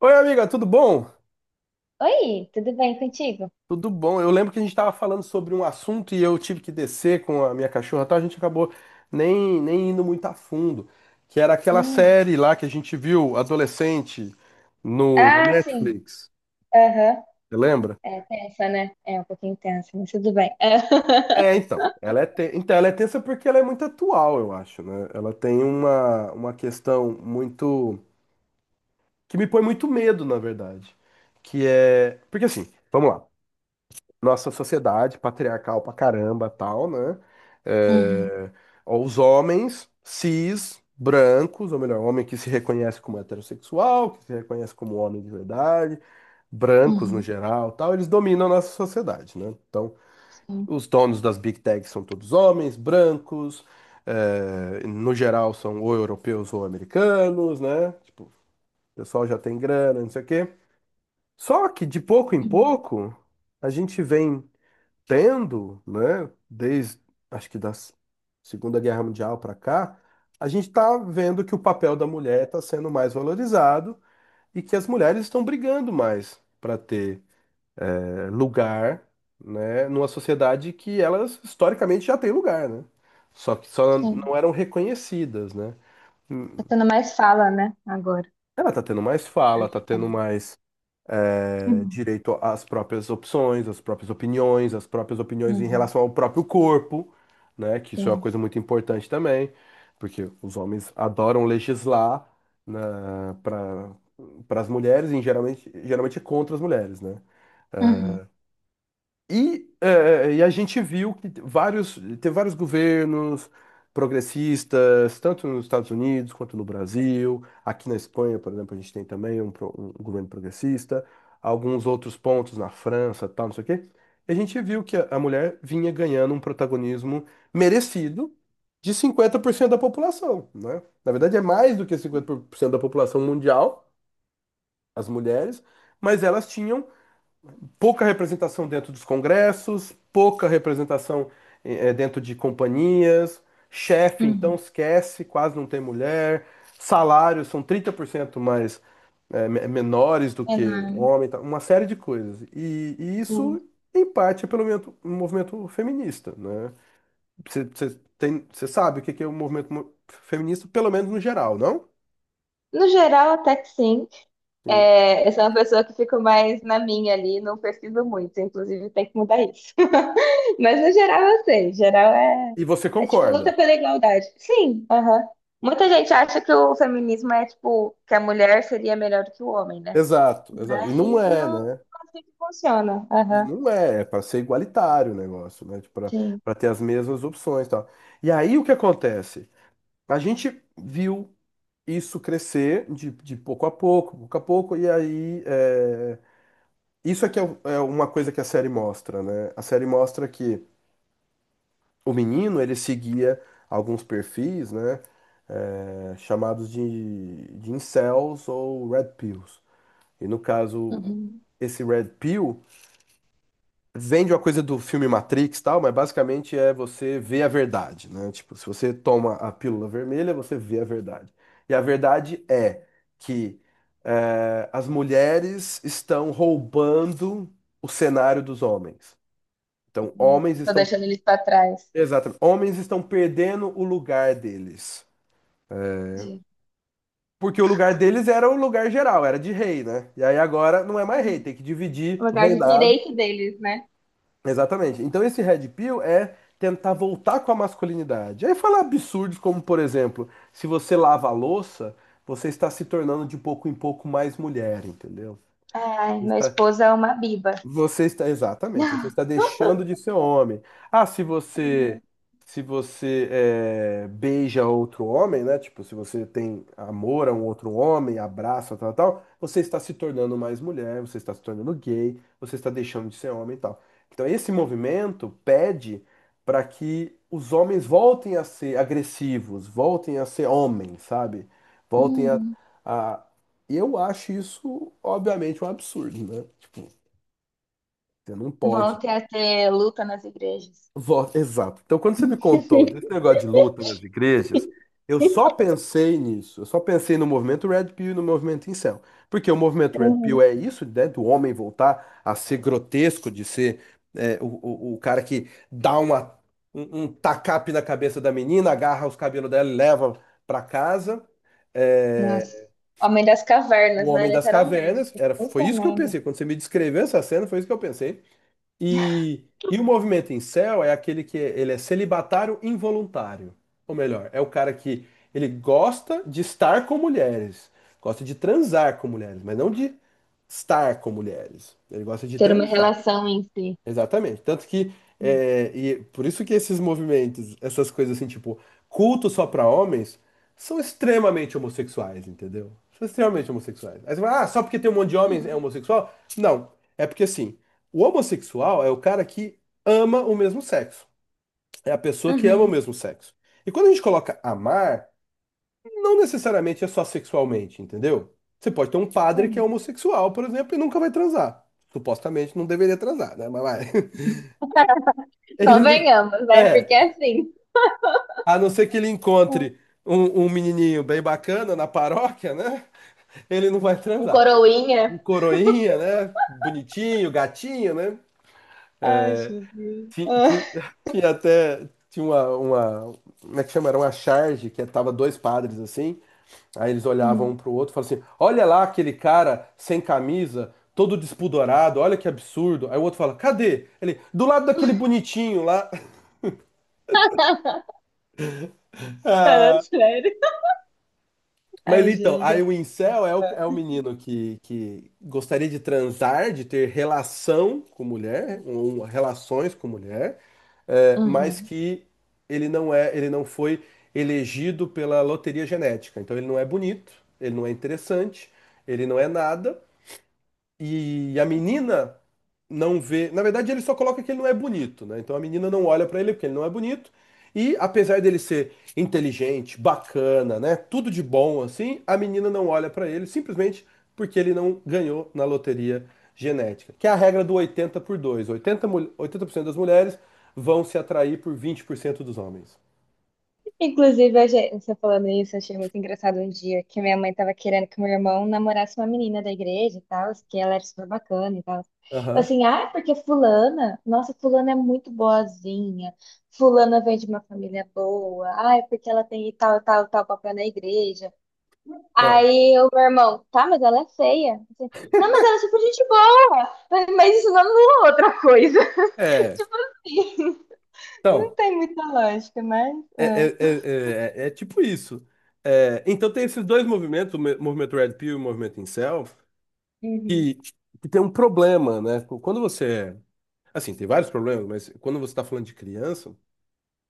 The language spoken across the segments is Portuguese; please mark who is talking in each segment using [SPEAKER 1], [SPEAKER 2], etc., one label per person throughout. [SPEAKER 1] Oi, amiga, tudo bom?
[SPEAKER 2] Oi, tudo bem contigo?
[SPEAKER 1] Tudo bom. Eu lembro que a gente estava falando sobre um assunto e eu tive que descer com a minha cachorra, e tal. A gente acabou nem indo muito a fundo, que era aquela
[SPEAKER 2] Hum.
[SPEAKER 1] série lá que a gente viu adolescente no na
[SPEAKER 2] Ah, sim.
[SPEAKER 1] Netflix.
[SPEAKER 2] Aham.
[SPEAKER 1] Você lembra?
[SPEAKER 2] É tensa, né? É um pouquinho tensa, mas tudo bem. É.
[SPEAKER 1] É, então, então, ela é tensa porque ela é muito atual, eu acho, né? Ela tem uma questão muito que me põe muito medo, na verdade, que é, porque assim, vamos lá. Nossa sociedade patriarcal pra caramba, tal, né?
[SPEAKER 2] Uhum,
[SPEAKER 1] É, os homens cis, brancos, ou melhor, homem que se reconhece como heterossexual, que se reconhece como homem de verdade, brancos no
[SPEAKER 2] uhum,
[SPEAKER 1] geral, tal, eles dominam a nossa sociedade, né? Então,
[SPEAKER 2] sim.
[SPEAKER 1] os donos das big techs são todos homens, brancos, no geral são ou europeus ou americanos, né? Tipo, o pessoal já tem grana, não sei o quê. Só que de pouco em
[SPEAKER 2] Uhum,
[SPEAKER 1] pouco, a gente vem tendo, né, desde acho que da Segunda Guerra Mundial para cá, a gente está vendo que o papel da mulher está sendo mais valorizado e que as mulheres estão brigando mais para ter lugar, né, numa sociedade que elas historicamente já têm lugar, né? Só que só
[SPEAKER 2] sim.
[SPEAKER 1] não eram reconhecidas, né? Hum,
[SPEAKER 2] Tá tendo mais fala, né? Agora.
[SPEAKER 1] ela está tendo mais fala,
[SPEAKER 2] Eu de
[SPEAKER 1] está
[SPEAKER 2] fala.
[SPEAKER 1] tendo mais
[SPEAKER 2] Uhum,
[SPEAKER 1] direito às próprias opções, às próprias opiniões em
[SPEAKER 2] uhum,
[SPEAKER 1] relação ao próprio corpo, né? Que isso é uma
[SPEAKER 2] sim.
[SPEAKER 1] coisa muito importante também, porque os homens adoram legislar na, para para as mulheres e geralmente é contra as mulheres, né?
[SPEAKER 2] Uhum,
[SPEAKER 1] E a gente viu que teve vários governos progressistas, tanto nos Estados Unidos quanto no Brasil. Aqui na Espanha, por exemplo, a gente tem também um governo progressista, alguns outros pontos na França, tal, não sei o quê. E a gente viu que a mulher vinha ganhando um protagonismo merecido de 50% da população, né? Na verdade, é mais do que 50% da população mundial, as mulheres, mas elas tinham pouca representação dentro dos congressos, pouca representação dentro de companhias, chefe, então
[SPEAKER 2] uhum.
[SPEAKER 1] esquece, quase não tem mulher, salários são 30% mais menores do
[SPEAKER 2] É,
[SPEAKER 1] que
[SPEAKER 2] não,
[SPEAKER 1] homem, tá? Uma série de coisas. E isso,
[SPEAKER 2] sim.
[SPEAKER 1] em parte, é pelo movimento feminista, né? Você tem, você sabe o que que é o movimento feminista, pelo menos no geral, não?
[SPEAKER 2] No geral, até que sim.
[SPEAKER 1] Sim.
[SPEAKER 2] É, eu sou uma pessoa que fico mais na minha ali, não pesquiso muito, inclusive tem que mudar isso. Mas no geral eu sei, geral é,
[SPEAKER 1] E você
[SPEAKER 2] é tipo luta
[SPEAKER 1] concorda.
[SPEAKER 2] pela igualdade. Sim, aham. Muita gente acha que o feminismo é tipo que a mulher seria melhor do que o homem, né?
[SPEAKER 1] Exato, exato. E não
[SPEAKER 2] Mas
[SPEAKER 1] é,
[SPEAKER 2] não
[SPEAKER 1] né?
[SPEAKER 2] é assim que funciona. Aham.
[SPEAKER 1] Não é, é para ser igualitário o negócio, né? Tipo, para
[SPEAKER 2] Sim.
[SPEAKER 1] para ter as mesmas opções, e tal. E aí o que acontece? A gente viu isso crescer de pouco a pouco, e aí é, isso é que é, é uma coisa que a série mostra, né? A série mostra que o menino ele seguia alguns perfis, né? Chamados de incels ou red pills. E no caso,
[SPEAKER 2] Uhum.
[SPEAKER 1] esse red pill vende uma coisa do filme Matrix e tal, mas basicamente é você ver a verdade, né? Tipo, se você toma a pílula vermelha, você vê a verdade. E a verdade é que as mulheres estão roubando o cenário dos homens. Então,
[SPEAKER 2] Uhum. Tô deixando eles pra trás.
[SPEAKER 1] exatamente, homens estão perdendo o lugar deles.
[SPEAKER 2] De-
[SPEAKER 1] Porque o lugar deles era o lugar geral, era de rei, né? E aí agora não é mais rei,
[SPEAKER 2] Hum.
[SPEAKER 1] tem que
[SPEAKER 2] O
[SPEAKER 1] dividir o
[SPEAKER 2] lugar de
[SPEAKER 1] reinado.
[SPEAKER 2] direito deles, né?
[SPEAKER 1] Exatamente. Então esse red pill é tentar voltar com a masculinidade. Aí fala absurdos como, por exemplo, se você lava a louça, você está se tornando de pouco em pouco mais mulher, entendeu?
[SPEAKER 2] Ai,
[SPEAKER 1] Você
[SPEAKER 2] minha
[SPEAKER 1] está,
[SPEAKER 2] esposa é uma biba.
[SPEAKER 1] exatamente, você está deixando de ser homem. Ah,
[SPEAKER 2] Uhum.
[SPEAKER 1] se você beija outro homem, né? Tipo, se você tem amor a um outro homem, abraça, tal, tal, você está se tornando mais mulher, você está se tornando gay, você está deixando de ser homem e tal. Então, esse movimento pede para que os homens voltem a ser agressivos, voltem a ser homens, sabe? Voltem
[SPEAKER 2] Hum.
[SPEAKER 1] a... Eu acho isso, obviamente, um absurdo, né? Tipo, você não
[SPEAKER 2] Vão
[SPEAKER 1] pode.
[SPEAKER 2] ter a ter luta nas igrejas.
[SPEAKER 1] Voto. Exato. Então, quando você me contou desse negócio de luta nas igrejas, eu só pensei nisso. Eu só pensei no movimento Red Pill e no movimento incel. Porque o movimento Red Pill
[SPEAKER 2] Uhum.
[SPEAKER 1] é isso, né? Do homem voltar a ser grotesco, de ser é, o, o cara que dá um tacape na cabeça da menina, agarra os cabelos dela e leva pra casa.
[SPEAKER 2] Nossa,
[SPEAKER 1] É,
[SPEAKER 2] homem das
[SPEAKER 1] o
[SPEAKER 2] cavernas, né?
[SPEAKER 1] Homem das
[SPEAKER 2] Literalmente.
[SPEAKER 1] Cavernas, era, foi
[SPEAKER 2] Puta
[SPEAKER 1] isso que eu
[SPEAKER 2] merda.
[SPEAKER 1] pensei. Quando você me descreveu essa cena, foi isso que eu pensei. E, e o movimento incel é aquele que ele é celibatário involuntário. Ou melhor, é o cara que ele gosta de estar com mulheres, gosta de transar com mulheres, mas não de estar com mulheres. Ele gosta de
[SPEAKER 2] Ter uma
[SPEAKER 1] transar.
[SPEAKER 2] relação em si.
[SPEAKER 1] Exatamente. Tanto que e por isso que esses movimentos, essas coisas assim, tipo, culto só pra homens, são extremamente homossexuais, entendeu? São extremamente homossexuais. Aí você fala, ah, só porque tem um monte de homens é
[SPEAKER 2] Hum.
[SPEAKER 1] homossexual? Não. É porque assim, o homossexual é o cara que ama o mesmo sexo. É a pessoa que ama o
[SPEAKER 2] Uhum.
[SPEAKER 1] mesmo sexo. E quando a gente coloca amar, não necessariamente é só sexualmente, entendeu? Você pode ter um padre que é
[SPEAKER 2] Hum.
[SPEAKER 1] homossexual, por exemplo, e nunca vai transar. Supostamente não deveria transar, né? Mas vai. Ele
[SPEAKER 2] Convenhamos, né? Porque
[SPEAKER 1] é,
[SPEAKER 2] é assim,
[SPEAKER 1] a não ser que ele
[SPEAKER 2] hum,
[SPEAKER 1] encontre um menininho bem bacana na paróquia, né? Ele não vai
[SPEAKER 2] um
[SPEAKER 1] transar.
[SPEAKER 2] coroinha.
[SPEAKER 1] Um coroinha, né? Bonitinho, gatinho, né?
[SPEAKER 2] Ai, Jesus.
[SPEAKER 1] Ti-
[SPEAKER 2] Ah,
[SPEAKER 1] ti- até tinha como é que chama? Era uma charge que tava dois padres assim. Aí eles olhavam
[SPEAKER 2] hum.
[SPEAKER 1] um pro outro e falavam assim: Olha lá aquele cara sem camisa, todo despudorado, olha que absurdo. Aí o outro fala: Cadê? Ele, do lado daquele bonitinho lá.
[SPEAKER 2] Sério.
[SPEAKER 1] Mas
[SPEAKER 2] Ai,
[SPEAKER 1] então,
[SPEAKER 2] gente.
[SPEAKER 1] aí o incel é é o
[SPEAKER 2] é-
[SPEAKER 1] menino que gostaria de transar, de ter relação com mulher, relações com mulher, mas
[SPEAKER 2] Uhum.
[SPEAKER 1] que ele não foi elegido pela loteria genética. Então ele não é bonito, ele não é interessante, ele não é nada, e a menina não vê. Na verdade, ele só coloca que ele não é bonito, né? Então a menina não olha pra ele porque ele não é bonito. E apesar dele ser inteligente, bacana, né? Tudo de bom assim, a menina não olha pra ele simplesmente porque ele não ganhou na loteria genética, que é a regra do 80 por 2. Oitenta 80% das mulheres vão se atrair por 20% dos homens.
[SPEAKER 2] Inclusive, eu já- você falando isso, eu achei muito engraçado um dia que minha mãe tava querendo que meu irmão namorasse uma menina da igreja e tal, que ela era super bacana e tal. Eu
[SPEAKER 1] Aham.
[SPEAKER 2] assim, ah, é porque fulana, nossa, fulana é muito boazinha, fulana vem de uma família boa, ah, é porque ela tem tal, tal, tal papel na igreja.
[SPEAKER 1] Ah.
[SPEAKER 2] Aí o meu irmão, tá, mas ela é feia. Eu assim, não, mas ela é super gente boa, mas isso não anula outra coisa.
[SPEAKER 1] É.
[SPEAKER 2] Tipo assim, não
[SPEAKER 1] Então,
[SPEAKER 2] tem muita lógica, mas...
[SPEAKER 1] é,
[SPEAKER 2] é.
[SPEAKER 1] é tipo isso. É, então tem esses dois movimentos, o movimento Red Pill e o movimento Incel,
[SPEAKER 2] Uhum,
[SPEAKER 1] que, que tem um problema, né? Quando você. Assim, tem vários problemas, mas quando você está falando de criança,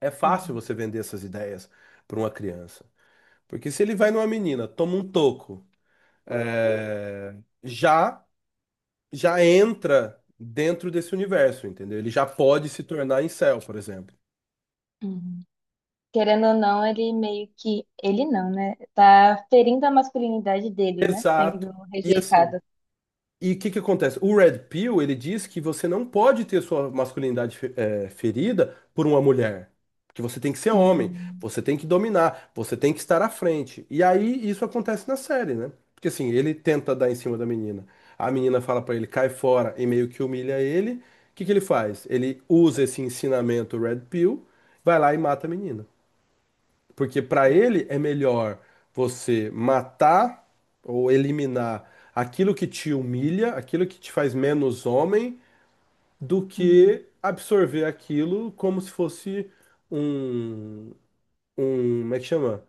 [SPEAKER 1] é fácil
[SPEAKER 2] uhum,
[SPEAKER 1] você vender essas ideias para uma criança. Porque se ele vai numa menina, toma um toco, é, já, já entra dentro desse universo, entendeu? Ele já pode se tornar incel, por exemplo.
[SPEAKER 2] uhum. Querendo ou não, ele meio que. Ele não, né? Tá ferindo a masculinidade dele, né? Sendo
[SPEAKER 1] Exato. E
[SPEAKER 2] rejeitado.
[SPEAKER 1] assim. E o que que acontece? O Red Pill, ele diz que você não pode ter sua masculinidade ferida por uma mulher. Que você tem que ser homem,
[SPEAKER 2] Hum,
[SPEAKER 1] você tem que dominar, você tem que estar à frente. E aí isso acontece na série, né? Porque assim, ele tenta dar em cima da menina. A menina fala pra ele, cai fora e meio que humilha ele. O que que ele faz? Ele usa esse ensinamento Red Pill, vai lá e mata a menina. Porque para
[SPEAKER 2] é.
[SPEAKER 1] ele é melhor você matar ou eliminar aquilo que te humilha, aquilo que te faz menos homem, do
[SPEAKER 2] Uhum.
[SPEAKER 1] que absorver aquilo como se fosse um, como é que chama?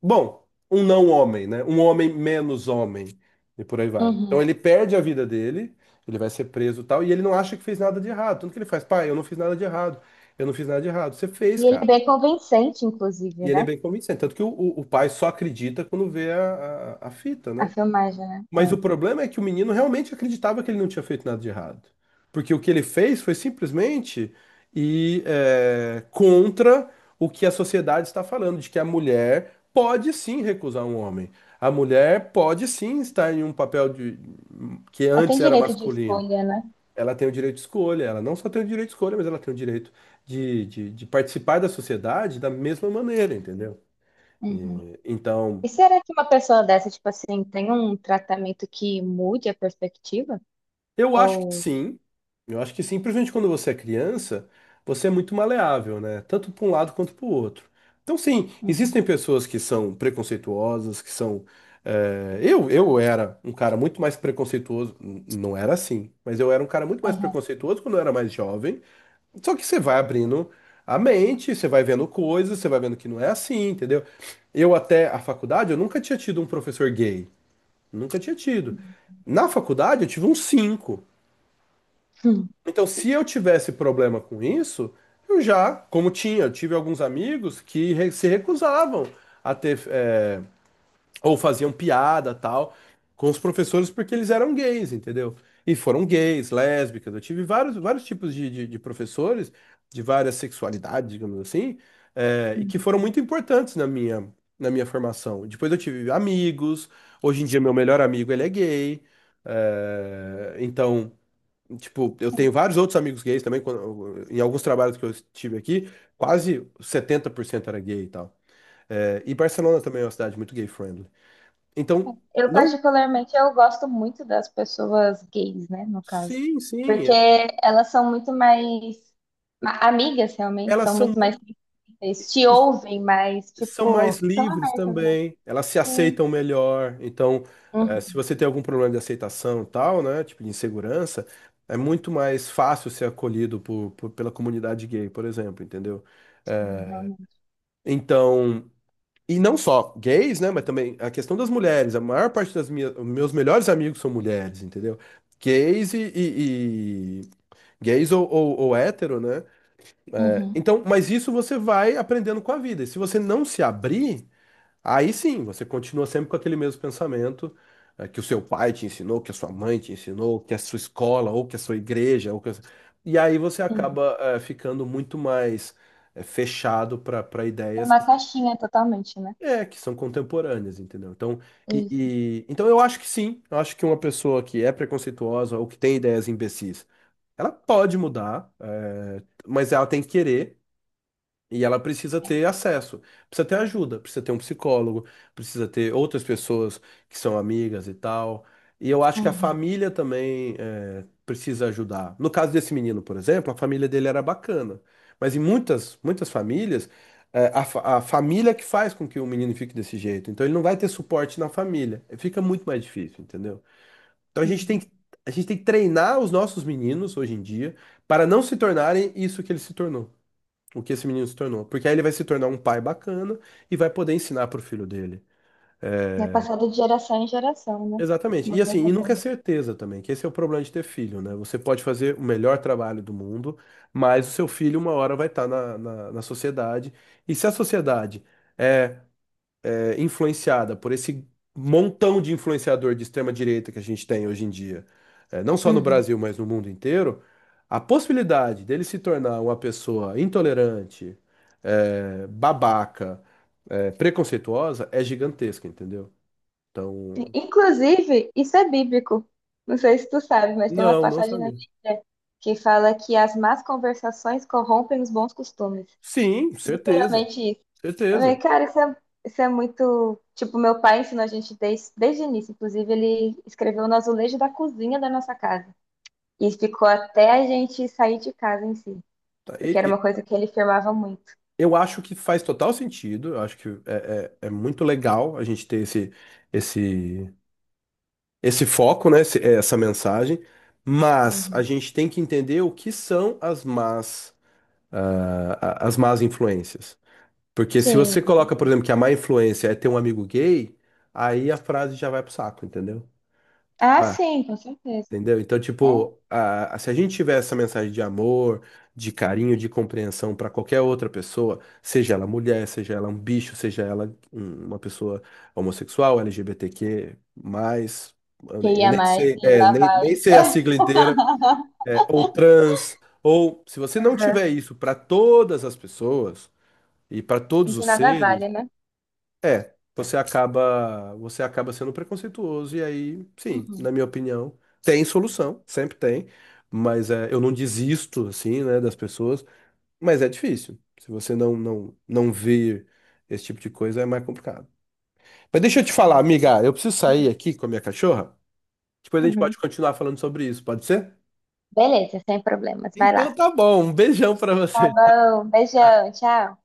[SPEAKER 1] Bom, um não homem, né? Um homem menos homem e por aí vai. Então
[SPEAKER 2] Uhum.
[SPEAKER 1] ele perde a vida dele, ele vai ser preso e tal, e ele não acha que fez nada de errado. Tanto que ele faz, pai, eu não fiz nada de errado. Eu não fiz nada de errado. Você fez,
[SPEAKER 2] E ele é
[SPEAKER 1] cara.
[SPEAKER 2] bem convincente, inclusive,
[SPEAKER 1] E ele é
[SPEAKER 2] né?
[SPEAKER 1] bem convincente. Tanto que o pai só acredita quando vê a fita,
[SPEAKER 2] A
[SPEAKER 1] né?
[SPEAKER 2] filmagem, né?
[SPEAKER 1] Mas
[SPEAKER 2] É.
[SPEAKER 1] o problema é que o menino realmente acreditava que ele não tinha feito nada de errado. Porque o que ele fez foi simplesmente ir contra o que a sociedade está falando, de que a mulher pode sim recusar um homem. A mulher pode sim estar em um papel que
[SPEAKER 2] Ela tem
[SPEAKER 1] antes era
[SPEAKER 2] direito de
[SPEAKER 1] masculino.
[SPEAKER 2] escolha, né?
[SPEAKER 1] Ela tem o direito de escolha, ela não só tem o direito de escolha, mas ela tem o direito de participar da sociedade da mesma maneira, entendeu?
[SPEAKER 2] Uhum.
[SPEAKER 1] Então,
[SPEAKER 2] E será que uma pessoa dessa, tipo assim, tem um tratamento que mude a perspectiva?
[SPEAKER 1] eu acho que
[SPEAKER 2] Ou.
[SPEAKER 1] sim. Eu acho que sim, principalmente quando você é criança, você é muito maleável, né? Tanto para um lado quanto para o outro. Então, sim,
[SPEAKER 2] Uhum.
[SPEAKER 1] existem pessoas que são preconceituosas, que são. Eu era um cara muito mais preconceituoso. Não era assim, mas eu era um cara muito mais
[SPEAKER 2] Aham.
[SPEAKER 1] preconceituoso quando eu era mais jovem. Só que você vai abrindo a mente, você vai vendo coisas, você vai vendo que não é assim, entendeu? Eu até a faculdade, eu nunca tinha tido um professor gay. Nunca tinha tido. Na faculdade eu tive um cinco. Então, se eu tivesse problema com isso, eu já, como tinha, eu tive alguns amigos que se recusavam a ter ou faziam piada tal com os professores porque eles eram gays, entendeu? E foram gays, lésbicas. Eu tive vários, vários tipos de professores de várias sexualidades, digamos assim, e que
[SPEAKER 2] Hum.
[SPEAKER 1] foram muito importantes na minha formação. Depois eu tive amigos. Hoje em dia meu melhor amigo ele é gay. Então, tipo, eu tenho vários outros amigos gays também, em alguns trabalhos que eu estive aqui, quase 70% era gay e tal. Eh, e Barcelona também é uma cidade muito gay friendly. Então,
[SPEAKER 2] Eu
[SPEAKER 1] não,
[SPEAKER 2] particularmente eu gosto muito das pessoas gays, né, no caso,
[SPEAKER 1] sim, sim.
[SPEAKER 2] porque elas são muito mais amigas realmente,
[SPEAKER 1] Elas
[SPEAKER 2] são
[SPEAKER 1] são
[SPEAKER 2] muito mais
[SPEAKER 1] muito,
[SPEAKER 2] sensíveis, te ouvem mais,
[SPEAKER 1] são mais
[SPEAKER 2] tipo, são
[SPEAKER 1] livres
[SPEAKER 2] abertas, né?
[SPEAKER 1] também, elas se
[SPEAKER 2] Sim.
[SPEAKER 1] aceitam melhor. Então,
[SPEAKER 2] Uhum,
[SPEAKER 1] se você tem algum problema de aceitação e tal, né, tipo de insegurança, é muito mais fácil ser acolhido por, pela comunidade gay, por exemplo, entendeu?
[SPEAKER 2] realmente.
[SPEAKER 1] Então, e não só gays, né, mas também a questão das mulheres. A maior parte das minhas, meus melhores amigos são mulheres, entendeu? Gays e, gays ou hétero, né?
[SPEAKER 2] Uhum,
[SPEAKER 1] Então, mas isso você vai aprendendo com a vida. E se você não se abrir, aí sim, você continua sempre com aquele mesmo pensamento que o seu pai te ensinou, que a sua mãe te ensinou, que a sua escola, ou que a sua igreja, ou que a... E aí você
[SPEAKER 2] uhum.
[SPEAKER 1] acaba ficando muito mais fechado para para
[SPEAKER 2] É
[SPEAKER 1] ideias
[SPEAKER 2] uma
[SPEAKER 1] que são,
[SPEAKER 2] caixinha totalmente, né?
[SPEAKER 1] é, que são contemporâneas, entendeu? Então, e,
[SPEAKER 2] Isso.
[SPEAKER 1] então eu acho que sim, eu acho que uma pessoa que é preconceituosa ou que tem ideias imbecis, ela pode mudar, mas ela tem que querer. E ela precisa ter acesso, precisa ter ajuda, precisa ter um psicólogo, precisa ter outras pessoas que são amigas e tal. E eu acho que a
[SPEAKER 2] Uhum,
[SPEAKER 1] família também é, precisa ajudar. No caso desse menino, por exemplo, a família dele era bacana. Mas em muitas, muitas famílias, é, a, a família que faz com que o menino fique desse jeito. Então ele não vai ter suporte na família. Fica muito mais difícil, entendeu? Então a gente tem
[SPEAKER 2] uhum.
[SPEAKER 1] que, a gente tem que treinar os nossos meninos hoje em dia para não se tornarem isso que ele se tornou, o que esse menino se tornou. Porque aí ele vai se tornar um pai bacana e vai poder ensinar pro filho dele. É,
[SPEAKER 2] É passado de geração em geração, né?
[SPEAKER 1] exatamente.
[SPEAKER 2] Uma
[SPEAKER 1] E assim, e
[SPEAKER 2] coisa
[SPEAKER 1] nunca é
[SPEAKER 2] boa.
[SPEAKER 1] certeza também, que esse é o problema de ter filho, né? Você pode fazer o melhor trabalho do mundo, mas o seu filho uma hora vai estar na sociedade. E se a sociedade é é, influenciada por esse montão de influenciador de extrema direita que a gente tem hoje em dia, é, não só no
[SPEAKER 2] Uhum.
[SPEAKER 1] Brasil, mas no mundo inteiro, a possibilidade dele se tornar uma pessoa intolerante, é, babaca, é, preconceituosa é gigantesca, entendeu? Então,
[SPEAKER 2] Inclusive, isso é bíblico. Não sei se tu sabe, mas tem uma
[SPEAKER 1] não, não
[SPEAKER 2] passagem na
[SPEAKER 1] sabia.
[SPEAKER 2] Bíblia que fala que as más conversações corrompem os bons costumes.
[SPEAKER 1] Sim, certeza,
[SPEAKER 2] Literalmente isso. Eu falei,
[SPEAKER 1] certeza.
[SPEAKER 2] cara, isso é muito. Tipo, meu pai ensinou a gente desde o início. Inclusive, ele escreveu no azulejo da cozinha da nossa casa. E ficou até a gente sair de casa em si.
[SPEAKER 1] Tá,
[SPEAKER 2] Porque era uma coisa que ele firmava muito.
[SPEAKER 1] eu acho que faz total sentido, eu acho que é, é, é muito legal a gente ter esse, esse esse foco, né, é, essa mensagem, mas a
[SPEAKER 2] Uhum.
[SPEAKER 1] gente tem que entender o que são as más, as más influências. Porque se
[SPEAKER 2] Sim,
[SPEAKER 1] você
[SPEAKER 2] com
[SPEAKER 1] coloca, por
[SPEAKER 2] certeza.
[SPEAKER 1] exemplo, que a má influência é ter um amigo gay, aí a frase já vai pro saco, entendeu? Tipo,
[SPEAKER 2] Ah,
[SPEAKER 1] ah,
[SPEAKER 2] sim, com certeza.
[SPEAKER 1] entendeu? Então,
[SPEAKER 2] É.
[SPEAKER 1] tipo, se a gente tiver essa mensagem de amor, de carinho, de compreensão para qualquer outra pessoa, seja ela mulher, seja ela um bicho, seja ela uma pessoa homossexual, LGBTQ, mais,
[SPEAKER 2] Que
[SPEAKER 1] eu
[SPEAKER 2] ia
[SPEAKER 1] nem
[SPEAKER 2] mais
[SPEAKER 1] sei,
[SPEAKER 2] e
[SPEAKER 1] é,
[SPEAKER 2] lá
[SPEAKER 1] nem,
[SPEAKER 2] vai.
[SPEAKER 1] nem sei a sigla inteira, é, ou trans, ou se você não tiver isso para todas as pessoas e para todos
[SPEAKER 2] De
[SPEAKER 1] os
[SPEAKER 2] nada
[SPEAKER 1] seres,
[SPEAKER 2] vale, né?
[SPEAKER 1] é, você acaba sendo preconceituoso e aí, sim,
[SPEAKER 2] Uhum,
[SPEAKER 1] na minha opinião, tem solução, sempre tem, mas é, eu não desisto assim, né, das pessoas, mas é difícil. Se você não ver esse tipo de coisa é mais complicado. Mas deixa eu te falar,
[SPEAKER 2] é.
[SPEAKER 1] amiga, eu preciso sair aqui com a minha cachorra. Depois a gente
[SPEAKER 2] Uhum.
[SPEAKER 1] pode continuar falando sobre isso, pode ser?
[SPEAKER 2] Beleza, sem problemas. Vai
[SPEAKER 1] Então
[SPEAKER 2] lá.
[SPEAKER 1] tá bom, um beijão pra
[SPEAKER 2] Tá
[SPEAKER 1] você.
[SPEAKER 2] bom. Beijão. Tchau.